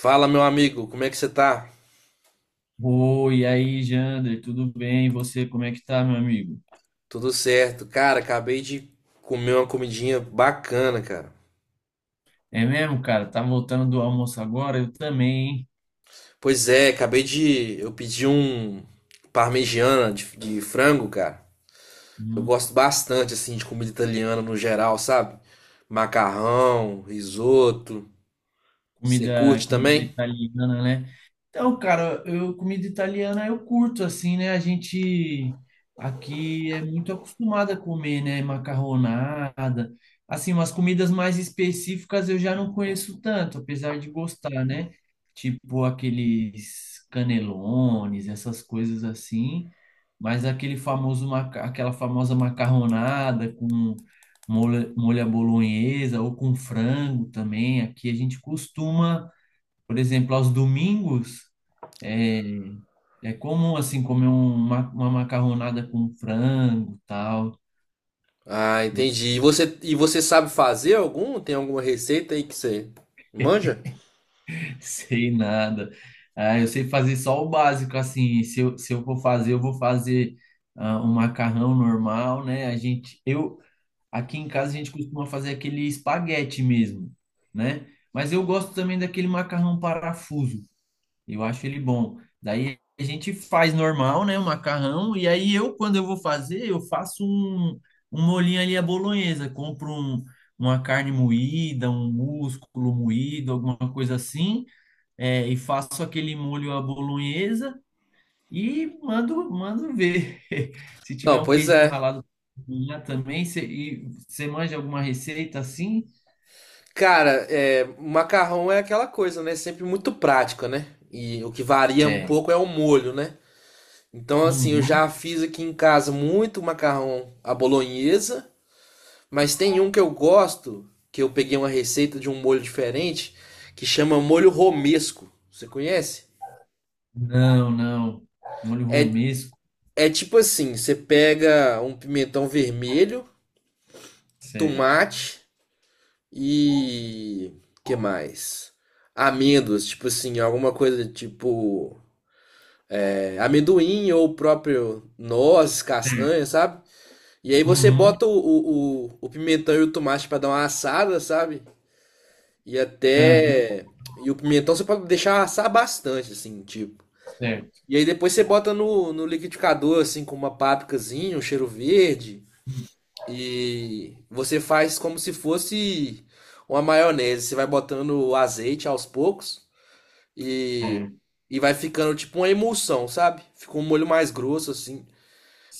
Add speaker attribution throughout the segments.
Speaker 1: Fala, meu amigo, como é que você tá?
Speaker 2: Oi, e aí, Jander, tudo bem? E você, como é que tá, meu amigo?
Speaker 1: Tudo certo. Cara, acabei de comer uma comidinha bacana, cara.
Speaker 2: É mesmo, cara? Tá voltando do almoço agora? Eu também, hein?
Speaker 1: Pois é, acabei de. Eu pedi um parmegiana de frango, cara. Eu
Speaker 2: Hum,
Speaker 1: gosto bastante, assim, de comida italiana no geral, sabe? Macarrão, risoto. Você
Speaker 2: comida,
Speaker 1: curte
Speaker 2: comida
Speaker 1: também?
Speaker 2: italiana, né? Então, cara, eu comida italiana eu curto assim, né? A gente aqui é muito acostumada a comer, né? Macarronada, assim, umas comidas mais específicas eu já não conheço tanto, apesar de gostar, né? Tipo aqueles canelones, essas coisas assim, mas aquela famosa macarronada com molho à bolonhesa ou com frango também, aqui a gente costuma por exemplo, aos domingos, é, é comum, assim, uma macarronada com frango, tal.
Speaker 1: Ah,
Speaker 2: Eu
Speaker 1: entendi. E você sabe fazer algum? Tem alguma receita aí que você manja?
Speaker 2: sei nada. Ah, eu sei fazer só o básico, assim. Se eu for fazer, eu vou fazer ah, um macarrão normal, né? A gente, eu, aqui em casa, a gente costuma fazer aquele espaguete mesmo, né? Mas eu gosto também daquele macarrão parafuso. Eu acho ele bom. Daí a gente faz normal, né? O macarrão. E aí eu, quando eu vou fazer, eu faço um, um molhinho ali à bolonhesa. Uma carne moída, um músculo moído, alguma coisa assim. É, e faço aquele molho à bolonhesa e mando ver. Se tiver
Speaker 1: Não,
Speaker 2: um
Speaker 1: pois
Speaker 2: queijinho
Speaker 1: é.
Speaker 2: ralado já também, e você manja alguma receita assim?
Speaker 1: Cara, é, macarrão é aquela coisa, né? Sempre muito prática, né? E o que varia um
Speaker 2: É.
Speaker 1: pouco é o molho, né? Então, assim, eu
Speaker 2: Uhum.
Speaker 1: já fiz aqui em casa muito macarrão à bolonhesa, mas tem um que eu gosto, que eu peguei uma receita de um molho diferente, que chama molho romesco. Você conhece?
Speaker 2: Não, não. Molho
Speaker 1: É,
Speaker 2: romesco.
Speaker 1: é tipo assim, você pega um pimentão vermelho,
Speaker 2: Tá certo.
Speaker 1: tomate e que mais? Amêndoas, tipo assim, alguma coisa tipo. É, amendoim ou o próprio noz, castanha, sabe? E aí você
Speaker 2: Uhum.
Speaker 1: bota o pimentão e o tomate para dar uma assada, sabe? E
Speaker 2: Aham,
Speaker 1: até. E o pimentão você pode deixar assar bastante, assim, tipo.
Speaker 2: certo,
Speaker 1: E aí depois você bota no liquidificador, assim, com uma pápricazinha, um cheiro verde. E você faz como se fosse uma maionese. Você vai botando o azeite aos poucos e,
Speaker 2: certo.
Speaker 1: e vai ficando tipo uma emulsão, sabe? Fica um molho mais grosso, assim.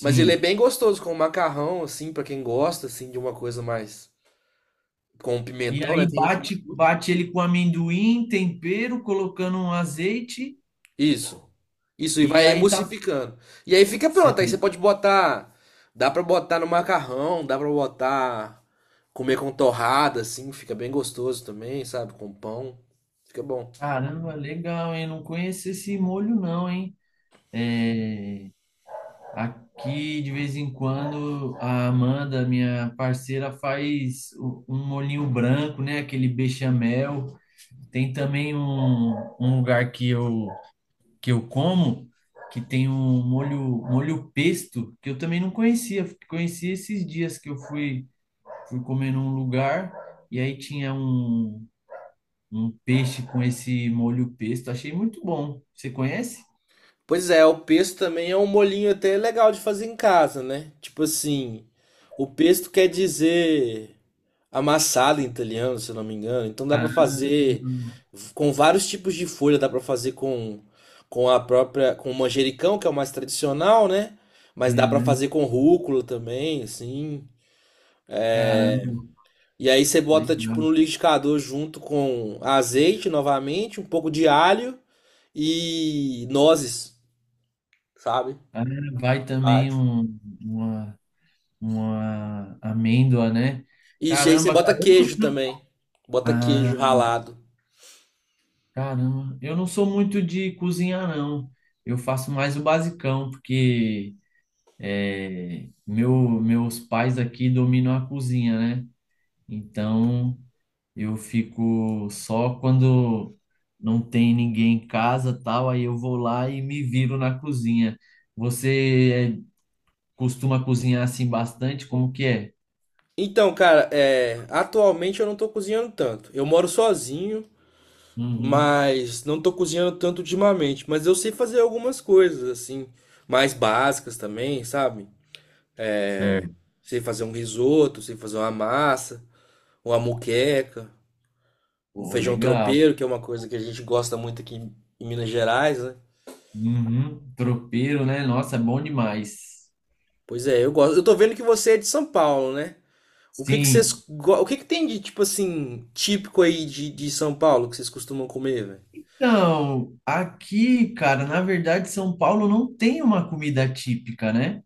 Speaker 1: Mas ele é bem gostoso com macarrão, assim, pra quem gosta, assim, de uma coisa mais com
Speaker 2: E
Speaker 1: pimentão,
Speaker 2: aí
Speaker 1: né? Tem gente que não
Speaker 2: bate,
Speaker 1: curte.
Speaker 2: bate ele com amendoim, tempero, colocando um azeite
Speaker 1: Isso. Isso, e
Speaker 2: e
Speaker 1: vai
Speaker 2: aí tá.
Speaker 1: emulsificando. E aí fica pronto. Aí você
Speaker 2: Certo.
Speaker 1: pode botar. Dá pra botar no macarrão, dá pra botar. Comer com torrada, assim, fica bem gostoso também, sabe? Com pão. Fica bom.
Speaker 2: Caramba, legal, hein? Não conheço esse molho não, hein? É, aqui de vez em quando a Amanda, minha parceira, um molhinho branco, né? Aquele bechamel. Tem também um lugar que eu como, que tem um, molho pesto, que eu também não conhecia. Conheci esses dias que eu fui, Fui comer num lugar e aí tinha um, um peixe com esse molho pesto. Achei muito bom. Você conhece?
Speaker 1: Pois é, o pesto também é um molinho até legal de fazer em casa, né? Tipo assim, o pesto quer dizer. Amassada em italiano, se eu não me engano. Então dá pra
Speaker 2: Ah,
Speaker 1: fazer com vários tipos de folha, dá pra fazer com a própria com o manjericão, que é o mais tradicional, né? Mas dá
Speaker 2: é,
Speaker 1: pra
Speaker 2: né?
Speaker 1: fazer com rúcula também, assim.
Speaker 2: Caramba,
Speaker 1: E aí você bota tipo
Speaker 2: legal.
Speaker 1: no liquidificador junto com azeite novamente, um pouco de alho e nozes, sabe?
Speaker 2: Ah, vai também
Speaker 1: Bate.
Speaker 2: um, uma amêndoa, né?
Speaker 1: Isso, e aí você
Speaker 2: Caramba,
Speaker 1: bota
Speaker 2: caramba.
Speaker 1: queijo também. Bota queijo
Speaker 2: Ah,
Speaker 1: ralado.
Speaker 2: caramba, eu não sou muito de cozinhar, não. Eu faço mais o basicão, porque é, meus pais aqui dominam a cozinha, né? Então eu fico só quando não tem ninguém em casa, tal, aí eu vou lá e me viro na cozinha. Você é, costuma cozinhar assim bastante? Como que é?
Speaker 1: Então, cara, é, atualmente eu não tô cozinhando tanto. Eu moro sozinho.
Speaker 2: Uhum.
Speaker 1: Mas não tô cozinhando tanto ultimamente, mas eu sei fazer algumas coisas assim, mais básicas também, sabe? É,
Speaker 2: Certo.
Speaker 1: sei fazer um risoto, sei fazer uma massa, uma moqueca, um
Speaker 2: Pô,
Speaker 1: feijão
Speaker 2: legal.
Speaker 1: tropeiro, que é uma coisa que a gente gosta muito aqui em Minas Gerais, né?
Speaker 2: Uhum. Tropeiro, né? Nossa, é bom demais.
Speaker 1: Pois é, eu gosto. Eu tô vendo que você é de São Paulo, né? O que que vocês,
Speaker 2: Sim.
Speaker 1: o que que tem de tipo assim, típico aí de São Paulo que vocês costumam comer, velho?
Speaker 2: Então, aqui, cara, na verdade, São Paulo não tem uma comida típica, né?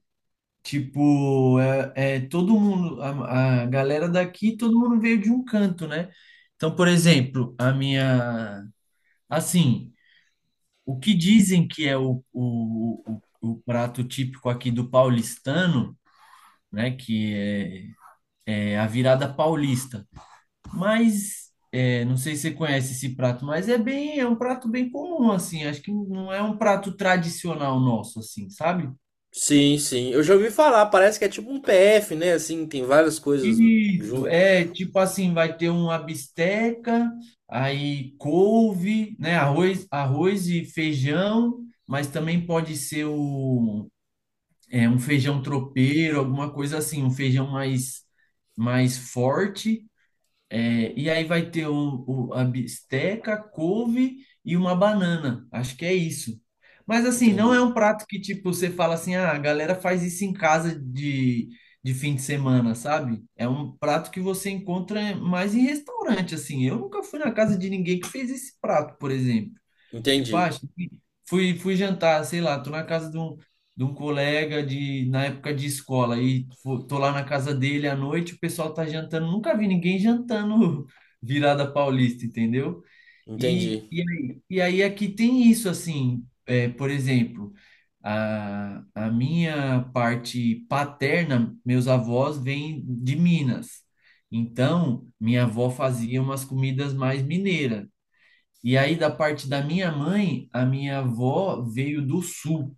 Speaker 2: Tipo, é, é todo mundo, a galera daqui, todo mundo veio de um canto, né? Então, por exemplo, a minha, assim, o que dizem que é o prato típico aqui do paulistano, né? Que é é a virada paulista. Mas é, não sei se você conhece esse prato, mas é bem, é um prato bem comum, assim. Acho que não é um prato tradicional nosso, assim, sabe?
Speaker 1: Sim, sim. Eu já ouvi falar, parece que é tipo um PF, né? Assim, tem várias coisas
Speaker 2: Isso,
Speaker 1: junto.
Speaker 2: é tipo assim, vai ter uma bisteca, aí couve, né? Arroz, arroz e feijão, mas também pode ser o, é, um feijão tropeiro, alguma coisa assim, um feijão mais, mais forte. É, e aí vai ter o- a bisteca, couve e uma banana. Acho que é isso. Mas assim, não é
Speaker 1: Entendi,
Speaker 2: um prato que tipo você fala assim, ah, a galera faz isso em casa de fim de semana, sabe? É um prato que você encontra mais em restaurante, assim. Eu nunca fui na casa de ninguém que fez esse prato, por exemplo. Tipo, ah,
Speaker 1: entendi,
Speaker 2: fui jantar, sei lá, tô na casa de um colega de na época de escola e tô lá na casa dele à noite, o pessoal tá jantando, nunca vi ninguém jantando virada paulista, entendeu?
Speaker 1: entendi.
Speaker 2: E aí aqui tem isso assim, é, por exemplo, a minha parte paterna, meus avós vêm de Minas. Então, minha avó fazia umas comidas mais mineiras. E aí, da parte da minha mãe, a minha avó veio do sul.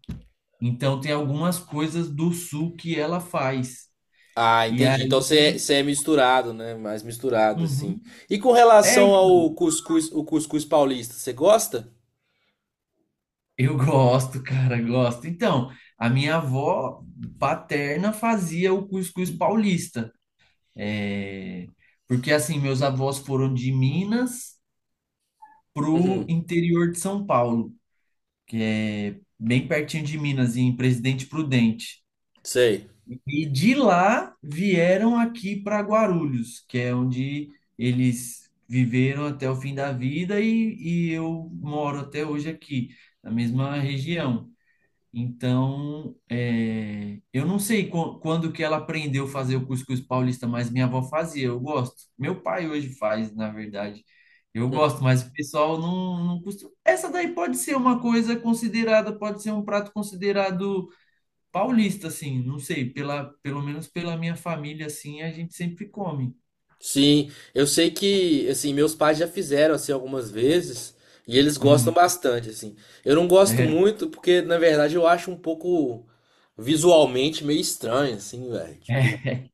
Speaker 2: Então tem algumas coisas do sul que ela faz.
Speaker 1: Ah,
Speaker 2: E
Speaker 1: entendi.
Speaker 2: aí,
Speaker 1: Então você é misturado, né? Mais misturado, assim.
Speaker 2: uhum.
Speaker 1: E com
Speaker 2: É,
Speaker 1: relação
Speaker 2: então,
Speaker 1: ao cuscuz, o cuscuz paulista, você gosta?
Speaker 2: eu gosto, cara, gosto. Então, a minha avó paterna fazia o cuscuz paulista. É, porque assim, meus avós foram de Minas pro
Speaker 1: Uhum,
Speaker 2: interior de São Paulo, que é bem pertinho de Minas, em Presidente Prudente.
Speaker 1: sei.
Speaker 2: E de lá vieram aqui para Guarulhos, que é onde eles viveram até o fim da vida e eu moro até hoje aqui, na mesma região. Então, é, eu não sei quando que ela aprendeu a fazer o cuscuz paulista, mas minha avó fazia, eu gosto. Meu pai hoje faz, na verdade. Eu gosto, mas o pessoal não, não costuma. Essa daí pode ser uma coisa considerada, pode ser um prato considerado paulista, assim, não sei, pela, pelo menos pela minha família, assim, a gente sempre come.
Speaker 1: Sim, eu sei que, assim, meus pais já fizeram, assim, algumas vezes e eles gostam
Speaker 2: Uhum.
Speaker 1: bastante, assim. Eu não gosto
Speaker 2: É,
Speaker 1: muito porque, na verdade, eu acho um pouco visualmente meio estranho, assim, velho.
Speaker 2: é,
Speaker 1: Tipo,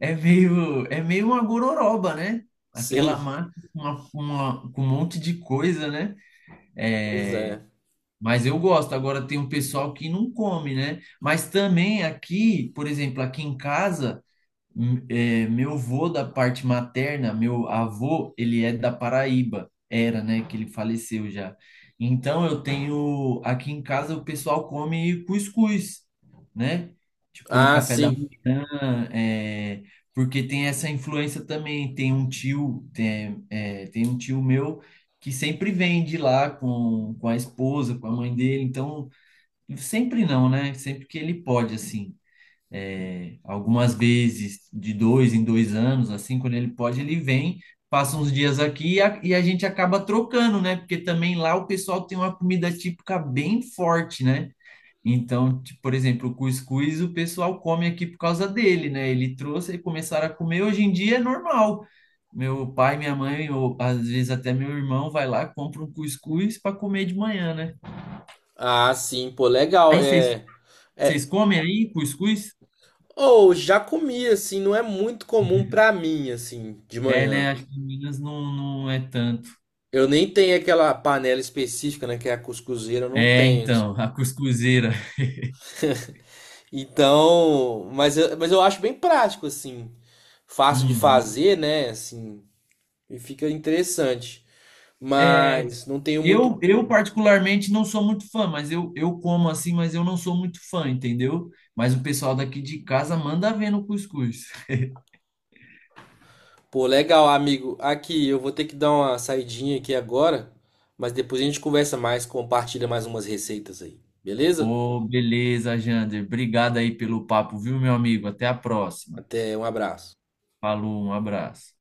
Speaker 2: é meio uma gororoba, né? Aquela
Speaker 1: sim,
Speaker 2: massa com uma, com um monte de coisa, né?
Speaker 1: pois
Speaker 2: É,
Speaker 1: é.
Speaker 2: mas eu gosto. Agora tem um pessoal que não come, né? Mas também aqui, por exemplo, aqui em casa. É, meu avô da parte materna, meu avô, ele é da Paraíba, era, né, que ele faleceu já. Então eu tenho, aqui em casa o pessoal come cuscuz, né? Tipo no
Speaker 1: Ah,
Speaker 2: café da
Speaker 1: sim.
Speaker 2: manhã, é, porque tem essa influência também. Tem um tio, tem, é, tem um tio meu que sempre vem de lá com a esposa, com a mãe dele. Então, sempre não, né? Sempre que ele pode, assim é, algumas vezes de dois em dois anos, assim, quando ele pode, ele vem, passa uns dias aqui e a gente acaba trocando, né? Porque também lá o pessoal tem uma comida típica bem forte, né? Então, tipo, por exemplo, o cuscuz o pessoal come aqui por causa dele, né? Ele trouxe e começaram a comer. Hoje em dia é normal. Meu pai, minha mãe, ou às vezes até meu irmão vai lá, compra um cuscuz para comer de manhã, né?
Speaker 1: Ah, sim, pô, legal.
Speaker 2: Aí vocês
Speaker 1: É,
Speaker 2: comem aí cuscuz?
Speaker 1: Ou já comi assim, não é muito comum pra mim assim, de
Speaker 2: É,
Speaker 1: manhã.
Speaker 2: né? Acho que em Minas não, não é tanto.
Speaker 1: Eu nem tenho aquela panela específica, né, que é a cuscuzeira, eu não
Speaker 2: É,
Speaker 1: tenho
Speaker 2: então,
Speaker 1: assim.
Speaker 2: a cuscuzeira.
Speaker 1: Então, mas eu acho bem prático assim, fácil de
Speaker 2: Uhum.
Speaker 1: fazer, né, assim, e fica interessante.
Speaker 2: É,
Speaker 1: Mas não tenho muito.
Speaker 2: eu particularmente não sou muito fã, mas eu como assim, mas eu não sou muito fã, entendeu? Mas o pessoal daqui de casa manda ver no cuscuz.
Speaker 1: Pô, legal, amigo. Aqui eu vou ter que dar uma saidinha aqui agora, mas depois a gente conversa mais, compartilha mais umas receitas aí. Beleza?
Speaker 2: Ô, beleza, Jander. Obrigado aí pelo papo, viu, meu amigo? Até a próxima.
Speaker 1: Até, um abraço.
Speaker 2: Falou, um abraço.